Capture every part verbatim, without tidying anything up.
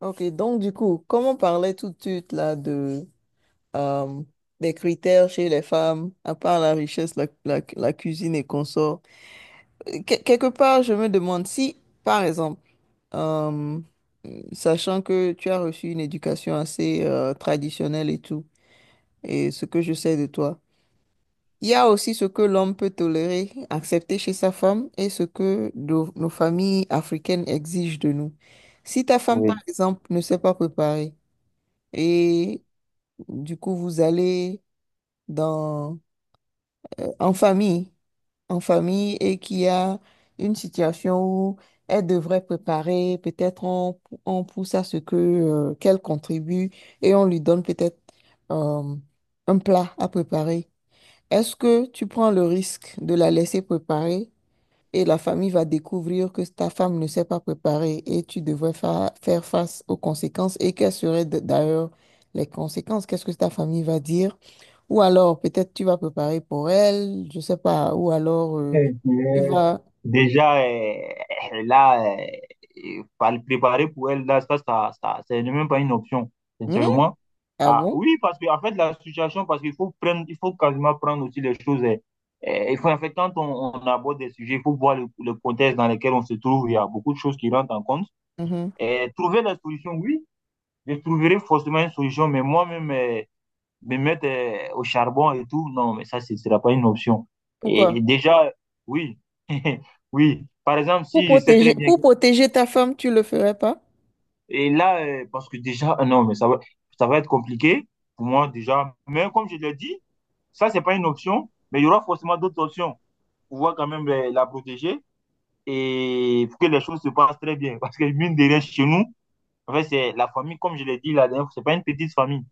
Ok, donc du coup, comme on parlait tout de suite là de euh, des critères chez les femmes, à part la richesse, la, la- la cuisine et consort, euh, que- quelque part, je me demande si, par exemple, euh, sachant que tu as reçu une éducation assez euh, traditionnelle et tout, et ce que je sais de toi, il y a aussi ce que l'homme peut tolérer, accepter chez sa femme et ce que nos nos familles africaines exigent de nous. Si ta femme, par Oui. exemple, ne sait pas préparer, du coup, vous allez dans, en famille, en famille, et qu'il y a une situation où elle devrait préparer, peut-être on, on pousse à ce que, euh, qu'elle contribue et on lui donne peut-être euh, un plat à préparer. Est-ce que tu prends le risque de la laisser préparer et la famille va découvrir que ta femme ne sait pas préparer, et tu devrais fa- faire face aux conséquences, et quelles seraient d- d'ailleurs les conséquences? Qu'est-ce que ta famille va dire? Ou alors, peut-être tu vas préparer pour elle, je sais pas. Ou alors, euh, Eh tu bien, vas... Déjà, euh, là, euh, et par le préparer pour elle, là, ça, ça, ça, c'est même pas une option, Hmm? sincèrement. Ah Ah, bon? oui, parce que, en fait, la situation, parce qu'il faut prendre, il faut quasiment prendre aussi les choses. euh, euh, il faut, en fait, quand on, on aborde des sujets, il faut voir le, le contexte dans lequel on se trouve. Il y a beaucoup de choses qui rentrent en compte. Mhm. Et trouver la solution, oui, je trouverai forcément une solution, mais moi-même, euh, me mettre euh, au charbon et tout, non, mais ça, ce ne sera pas une option. Et Pourquoi? déjà, oui, oui. Par exemple, Pour si je sais très protéger, bien, pour protéger ta femme, tu le ferais pas? et là, euh, parce que déjà, euh, non, mais ça va, ça va être compliqué pour moi déjà. Mais comme je l'ai dit, ça, c'est pas une option, mais il y aura forcément d'autres options pour pouvoir quand même euh, la protéger et pour que les choses se passent très bien. Parce que mine de rien, chez nous, en fait, c'est la famille, comme je l'ai dit la dernière fois, c'est pas une petite famille.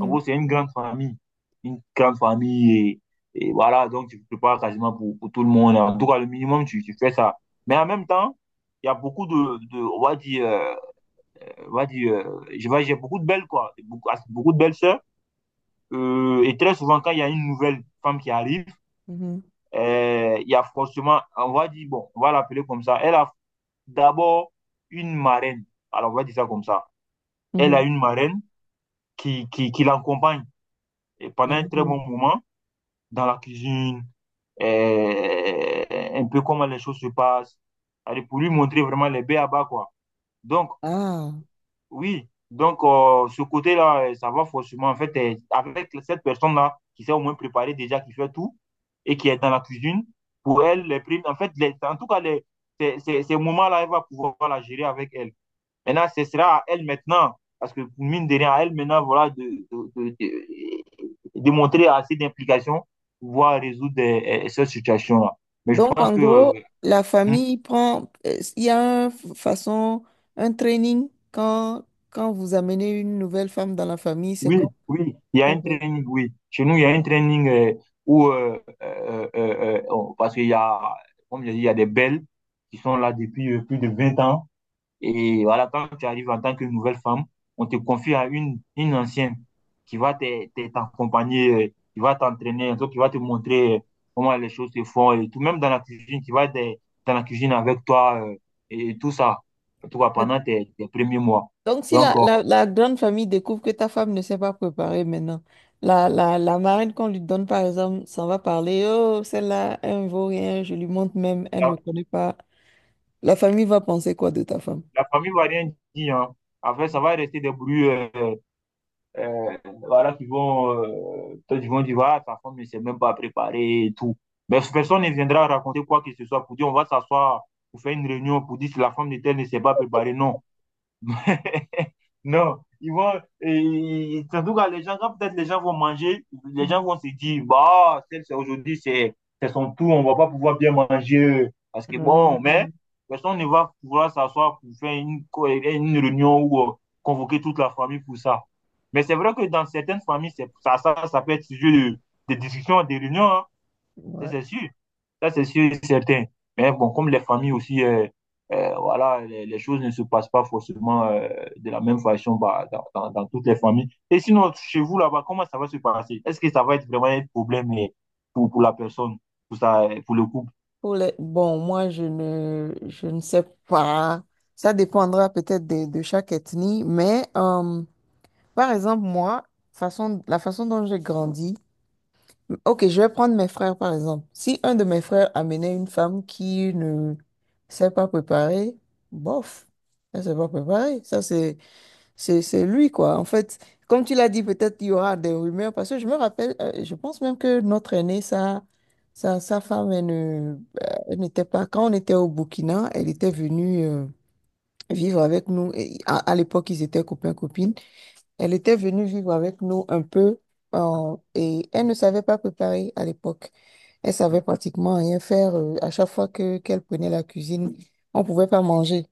En gros, c'est une grande famille. Une grande famille. Et, et voilà, donc tu te prépares quasiment pour, pour tout le monde. En tout cas, le minimum, tu, tu fais ça. Mais en même temps, il y a beaucoup de, de on va dire, euh, on va dire, euh, je vais- j'ai beaucoup de belles, quoi. Beaucoup, beaucoup de belles sœurs. Euh, et très souvent, quand il y a une nouvelle femme qui arrive, mhm, euh, il y a forcément, on va dire, bon, on va l'appeler comme ça. Elle a d'abord une marraine. Alors, on va dire ça comme ça. Elle mhm, a une marraine qui, qui, qui l'accompagne et pendant mhm. un très Mhm. bon moment dans la cuisine, euh, un peu comment les choses se passent. Allez, pour lui montrer vraiment les baies à bas, quoi. Donc, Ah. oui, donc euh, ce côté-là, euh, ça va forcément, en fait, euh, avec cette personne-là qui s'est au moins préparée déjà, qui fait tout et qui est dans la cuisine, pour elle, les primes, en fait, les- en tout cas, les, ces, ces- ces moments-là, elle va pouvoir la gérer avec elle. Maintenant, ce sera à elle maintenant, parce que mine de rien, à elle maintenant, voilà, de, de, de, de, de montrer assez d'implication pour pouvoir résoudre euh, euh, cette situation-là. Mais je Donc, pense en que euh, gros, la hmm, famille prend, euh, il y a une façon, un training quand, quand vous amenez une nouvelle femme dans la famille, c'est comme... oui, oui, il y a un Ok. training, oui. Chez nous, il y a un training euh, où, euh, euh, euh, euh, parce qu'il y a, comme je dis, il y a des belles qui sont là depuis euh, plus de vingt ans. Et voilà, quand tu arrives en tant que nouvelle femme, on te confie à une, une ancienne qui va t'e- t'e- t'accompagner, euh, qui va t'entraîner, donc qui va te montrer euh, comment les choses se font et tout, même dans la cuisine, qui va être euh, dans la cuisine avec toi euh, et, et tout ça, en tout cas pendant tes, tes premiers mois. Donc, si Donc, la, euh, la, la grande famille découvre que ta femme ne s'est pas préparée maintenant, la, la, la marraine qu'on lui donne, par exemple, s'en va parler, oh, celle-là, elle ne vaut rien, je lui montre même, elle ne la, connaît pas. La famille va penser quoi de ta femme? la famille va rien dire, hein. Après, ça va rester des bruits. euh, euh, voilà, qui vont, euh, peut-être ils vont dire, ah, ta femme ne s'est même pas préparée et tout. Mais personne ne viendra raconter quoi que ce soit pour dire, on va s'asseoir pour faire une réunion pour dire si la femme de tel ne s'est pas préparée. Non. Non, ils vont, et, surtout quand les gens, quand peut-être les gens vont manger, les Hum, gens vont se dire, bah, celle, c'est aujourd'hui, c'est c'est son tour, on va pas pouvoir bien manger, parce que bon, mais personne ne va pouvoir s'asseoir pour faire une, co- une réunion ou euh, convoquer toute la famille pour ça. Mais c'est vrai que dans certaines familles, c'est, ça, ça, ça peut être sujet de, de discussion, de réunion, hein. Ça, ouais. c'est sûr. Ça, c'est sûr et certain. Mais bon, comme les familles aussi, euh, euh, voilà, les, les choses ne se passent pas forcément euh, de la même façon bah, dans, dans- dans toutes les familles. Et sinon, chez vous là-bas, comment ça va se passer? Est-ce que ça va être vraiment un problème euh, pour, pour la personne, pour ça, euh, pour le couple? Pour les... Bon, moi, je ne, je ne sais pas. Ça dépendra peut-être de, de chaque ethnie, mais euh, par exemple, moi, façon, la façon dont j'ai grandi, ok, je vais prendre mes frères par exemple. Si un de mes frères amenait une femme qui ne s'est pas préparée, bof, elle ne s'est pas préparée. Ça, c'est, c'est, c'est lui, quoi. En fait, comme tu l'as dit, peut-être il y aura des rumeurs parce que je me rappelle, euh, je pense même que notre aîné, sa, sa, sa femme, elle ne, euh, elle n'était pas, quand on était au Burkina, elle était venue euh, vivre avec nous. Et à à l'époque, ils étaient copains-copines. Elle était venue vivre avec nous un peu euh, et elle ne savait pas préparer à l'époque. Elle savait pratiquement rien faire. Euh, à chaque fois que qu'elle prenait la cuisine, on pouvait pas manger.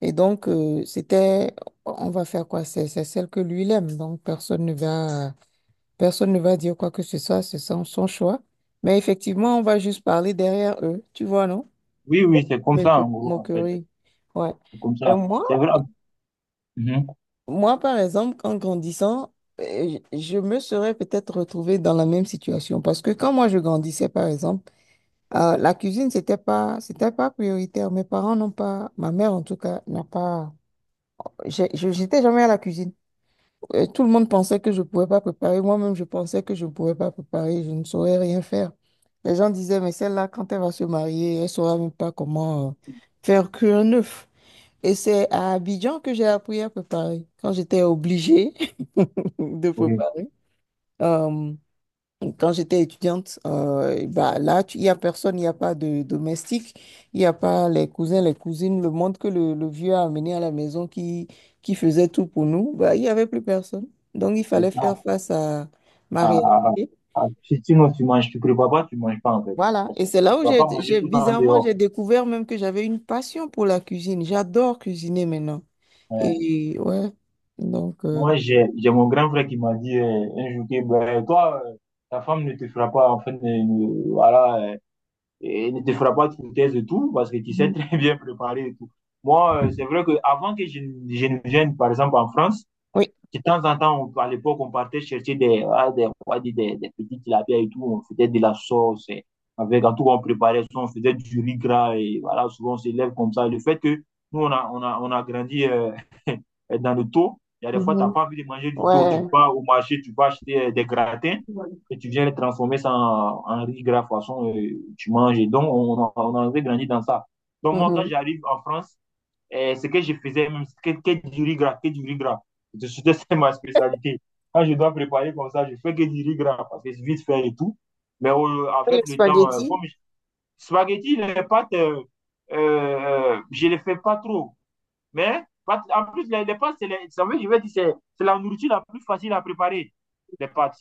Et donc, euh, c'était, on va faire quoi? C'est c'est celle que lui il aime. Donc, personne ne va, personne ne va dire quoi que ce soit. C'est son, son choix. Mais effectivement, on va juste parler derrière eux. Tu vois, non? Oui, oui, c'est comme Mais ça, que en gros, en fait. moquerie. Ouais. C'est comme Et ça. C'est moi, vrai. Mhm. moi, par exemple, en grandissant, euh, je je me serais peut-être retrouvée dans la même situation. Parce que quand moi, je grandissais, par exemple, euh, la cuisine, c'était pas, c'était pas prioritaire. Mes parents n'ont pas, ma mère en tout cas, n'a pas. j'ai- je- J'étais jamais à la cuisine. Euh, Tout le monde pensait que je ne pouvais pas préparer. Moi-même, je pensais que je ne pouvais pas préparer. Je ne saurais rien faire. Les gens disaient, mais celle-là, quand elle va se marier, elle ne saura même pas comment euh, faire cuire un œuf. Et c'est à Abidjan que j'ai appris à préparer. Quand j'étais obligée de Oui, préparer. Euh, quand j'étais étudiante, euh, bah là, tu- il n'y a personne, il n'y a pas de domestique, il n'y a pas les cousins, les cousines, le monde que le, le vieux a amené à la maison qui, qui faisait tout pour nous, bah, il n'y avait plus personne. Donc, il c'est fallait ça. faire face à ma Ah, ah, ah. réalité. Ah, si- Sinon, tu manges, tu prépares pas, tu manges pas, en fait. Voilà. Parce que Et tu c'est là où ne vas j'ai, pas manger j'ai- tout le temps bizarrement, dehors. j'ai découvert même que j'avais une passion pour la cuisine. J'adore cuisiner maintenant. Euh, Et ouais, donc, euh, Moi, j'ai, j'ai mon grand frère qui m'a dit euh, un jour que ben, toi, euh, ta femme ne te fera pas, enfin, ne, ne- voilà, euh, et ne te fera pas de foutaise et tout, parce que tu sais mhm. très bien préparer et tout. Moi, euh, c'est vrai que avant que je, ne je ne vienne, par exemple, en France, Oui. de temps en temps, on- à l'époque, on partait chercher des, ah, des, on va dire des, des petits tilapia et tout. On faisait de la sauce. Et avec, en tout cas, on préparait ça. On faisait du riz gras. Et voilà, souvent, on s'élève comme ça. Et le fait que nous, on a, on a, on a grandi euh, dans le taux. Il y a des fois, tu n'as Mhm. pas envie de manger du taux. Tu Ouais. vas au marché, tu vas acheter euh, des gratins. Et tu viens les transformer ça en, en riz gras, façon, euh, tu manges. Et donc, on, on a, on a grandi dans ça. Donc, moi, quand Mhm. j'arrive en France, et ce que je faisais, même, que, que du riz gras, que du riz gras. C'était ma spécialité. Quand je dois préparer comme ça, je fais que du riz gras parce que c'est vite fait et tout. Mais euh, Les avec le temps, euh, spaghettis. comme je... spaghetti, les pâtes, euh, euh, je ne les fais pas trop. Mais pâtes, en plus, les, les pâtes, c'est la nourriture la plus facile à préparer, les pâtes.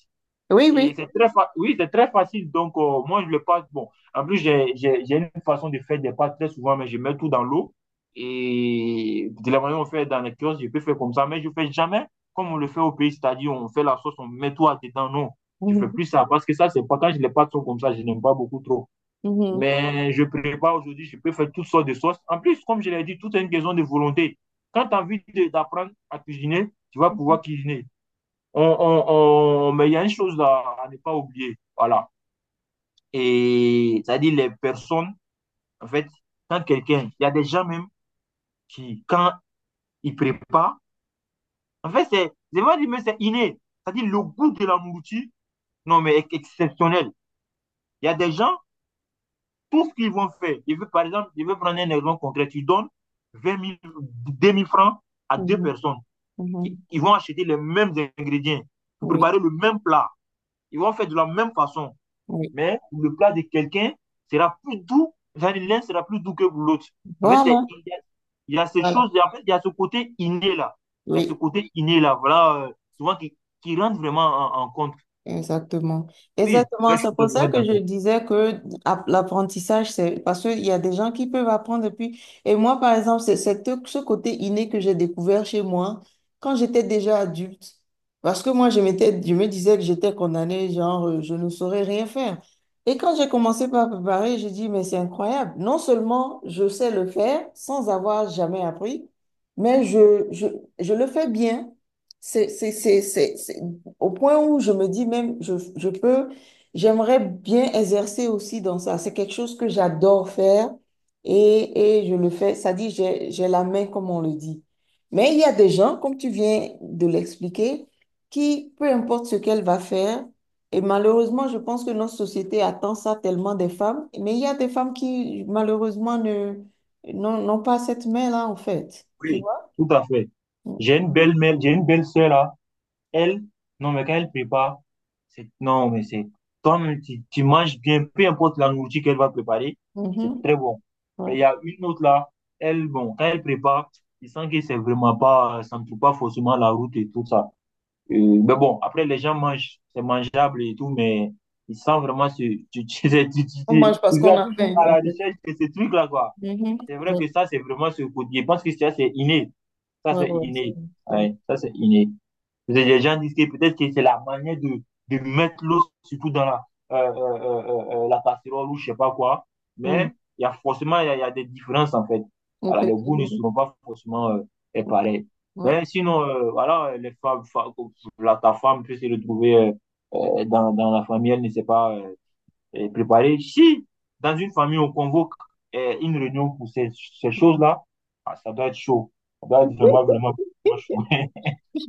Oui, Et oui. c'est très, fa- oui, c'est très facile. Donc, euh, moi, je le passe. Bon, en plus, j'ai j'ai- j'ai une façon de faire des pâtes très souvent, mais je mets tout dans l'eau. Et de la manière dont on fait dans les kiosques, je peux faire comme ça, mais je ne fais jamais comme on le fait au pays, c'est-à-dire on fait la sauce, on met tout à dedans. Non, je ne fais Mhm. plus ça parce que ça, c'est pas quand les pâtes sont comme ça, je n'aime pas beaucoup trop. Mhm. Mais je prépare aujourd'hui, je peux faire toutes sortes de sauces. En plus, comme je l'ai dit, tout est une question de volonté. Quand tu as envie de- d'apprendre à cuisiner, tu vas pouvoir cuisiner on, on, on- mais il y a une chose à, à ne pas oublier. Voilà. Et c'est-à-dire les personnes, en fait, quand quelqu'un, il y a des gens même qui, quand ils préparent, en fait, c'est, c'est vais dire, mais c'est inné. C'est-à-dire le goût de la nourriture, non, mais est exceptionnel. Il y a des gens, tout ce qu'ils vont faire, je veux, par exemple, je veux prendre un exemple concret, tu donnes vingt mille deux mille francs à deux Mhm, personnes. mhm. Ils vont acheter les mêmes ingrédients pour Oui, préparer le même plat. Ils vont faire de la même façon. oui. Mais le plat de quelqu'un sera plus doux, l'un sera plus doux que l'autre. En fait, c'est, Voilà, il, y a, il y a ces voilà, choses, en fait, il y a ce côté inné là. Il y a ce oui. côté inné là, voilà, euh, souvent qui, qui rentre vraiment en, en compte. Exactement. Oui, Exactement. là, je C'est suis tout pour à ça fait que je d'accord. disais que app- l'apprentissage, c'est parce qu'il y a des gens qui peuvent apprendre depuis. Et moi, par exemple, c'est c'est tout ce côté inné que j'ai découvert chez moi quand j'étais déjà adulte. Parce que moi, je m'étais, je me disais que j'étais condamnée, genre, euh, je ne saurais rien faire. Et quand j'ai commencé par préparer, j'ai dit, mais c'est incroyable. Non seulement je sais le faire sans avoir jamais appris, mais je, je, je le fais bien. C'est, c'est, c'est, c'est, c'est- Au point où je me dis même, je, je peux, j'aimerais bien exercer aussi dans ça. C'est quelque chose que j'adore faire et, et je le fais. Ça dit, j'ai, j'ai la main, comme on le dit. Mais il y a des gens, comme tu viens de l'expliquer, qui, peu importe ce qu'elle va faire, et malheureusement, je pense que notre société attend ça tellement des femmes, mais il y a des femmes qui, malheureusement, ne, n'ont n'ont pas cette main-là, en fait. Tu Oui, vois? tout à fait. J'ai une belle mère, j'ai une belle sœur là. Elle, non, mais quand elle prépare, c'est, non, mais c'est, comme tu, tu manges bien, peu importe la nourriture qu'elle va préparer, c'est Mhm. très bon. Mais Ouais. il y a une autre là, elle, bon, quand elle prépare, tu sens que c'est vraiment pas, ça ne trouve pas forcément la route et tout ça. Euh, mais bon, après, les gens mangent, c'est mangeable et tout, mais ils sentent vraiment ce, tu, tu, tu, tu, tu- On tu- mange parce ils qu'on sont a toujours faim, à en la fait. recherche de ces trucs-là, quoi. Mhm. C'est vrai que ça, c'est vraiment ce côté. Je pense que ça, c'est inné. Ça, Ouais, c'est ouais, c'est inné. vrai, c'est vrai. Ouais, ça, c'est inné. Les gens disent que peut-être que c'est la manière de, de mettre l'eau surtout dans la, euh, euh, euh, euh, euh, euh, la casserole ou je sais pas quoi. Hmm. Mais il y a forcément il y a, il y a des différences en fait. Alors, les goûts ne Effectivement. seront pas forcément euh, pareils. Ouais, Mais sinon, euh, voilà, les femmes, fa- la, ta femme peut se retrouver euh, euh, dans, dans la famille, elle ne sait pas euh, préparer. Si dans une famille on convoque euh, une réunion pour ces, ces choses-là, ah, ça doit être chaud. Ça doit être vraiment, vraiment vraiment chaud.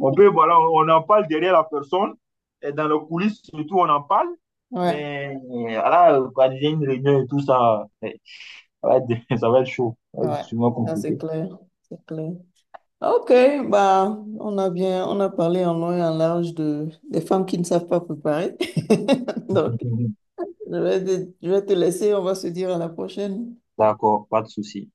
On peut, voilà, on, en parle derrière la personne, et dans le coulisses surtout, on en parle, ouais, mais euh, voilà, quand il y a une réunion et tout ça, euh, ça va être, ça va être chaud, ça va être ouais. sûrement Ça, c'est compliqué. clair. C'est clair. OK, bah, on a bien, on a parlé en long et en large de, des femmes qui ne savent pas préparer. Donc, je vais te, je vais te laisser, on va se dire à la prochaine. D'accord, pas de souci.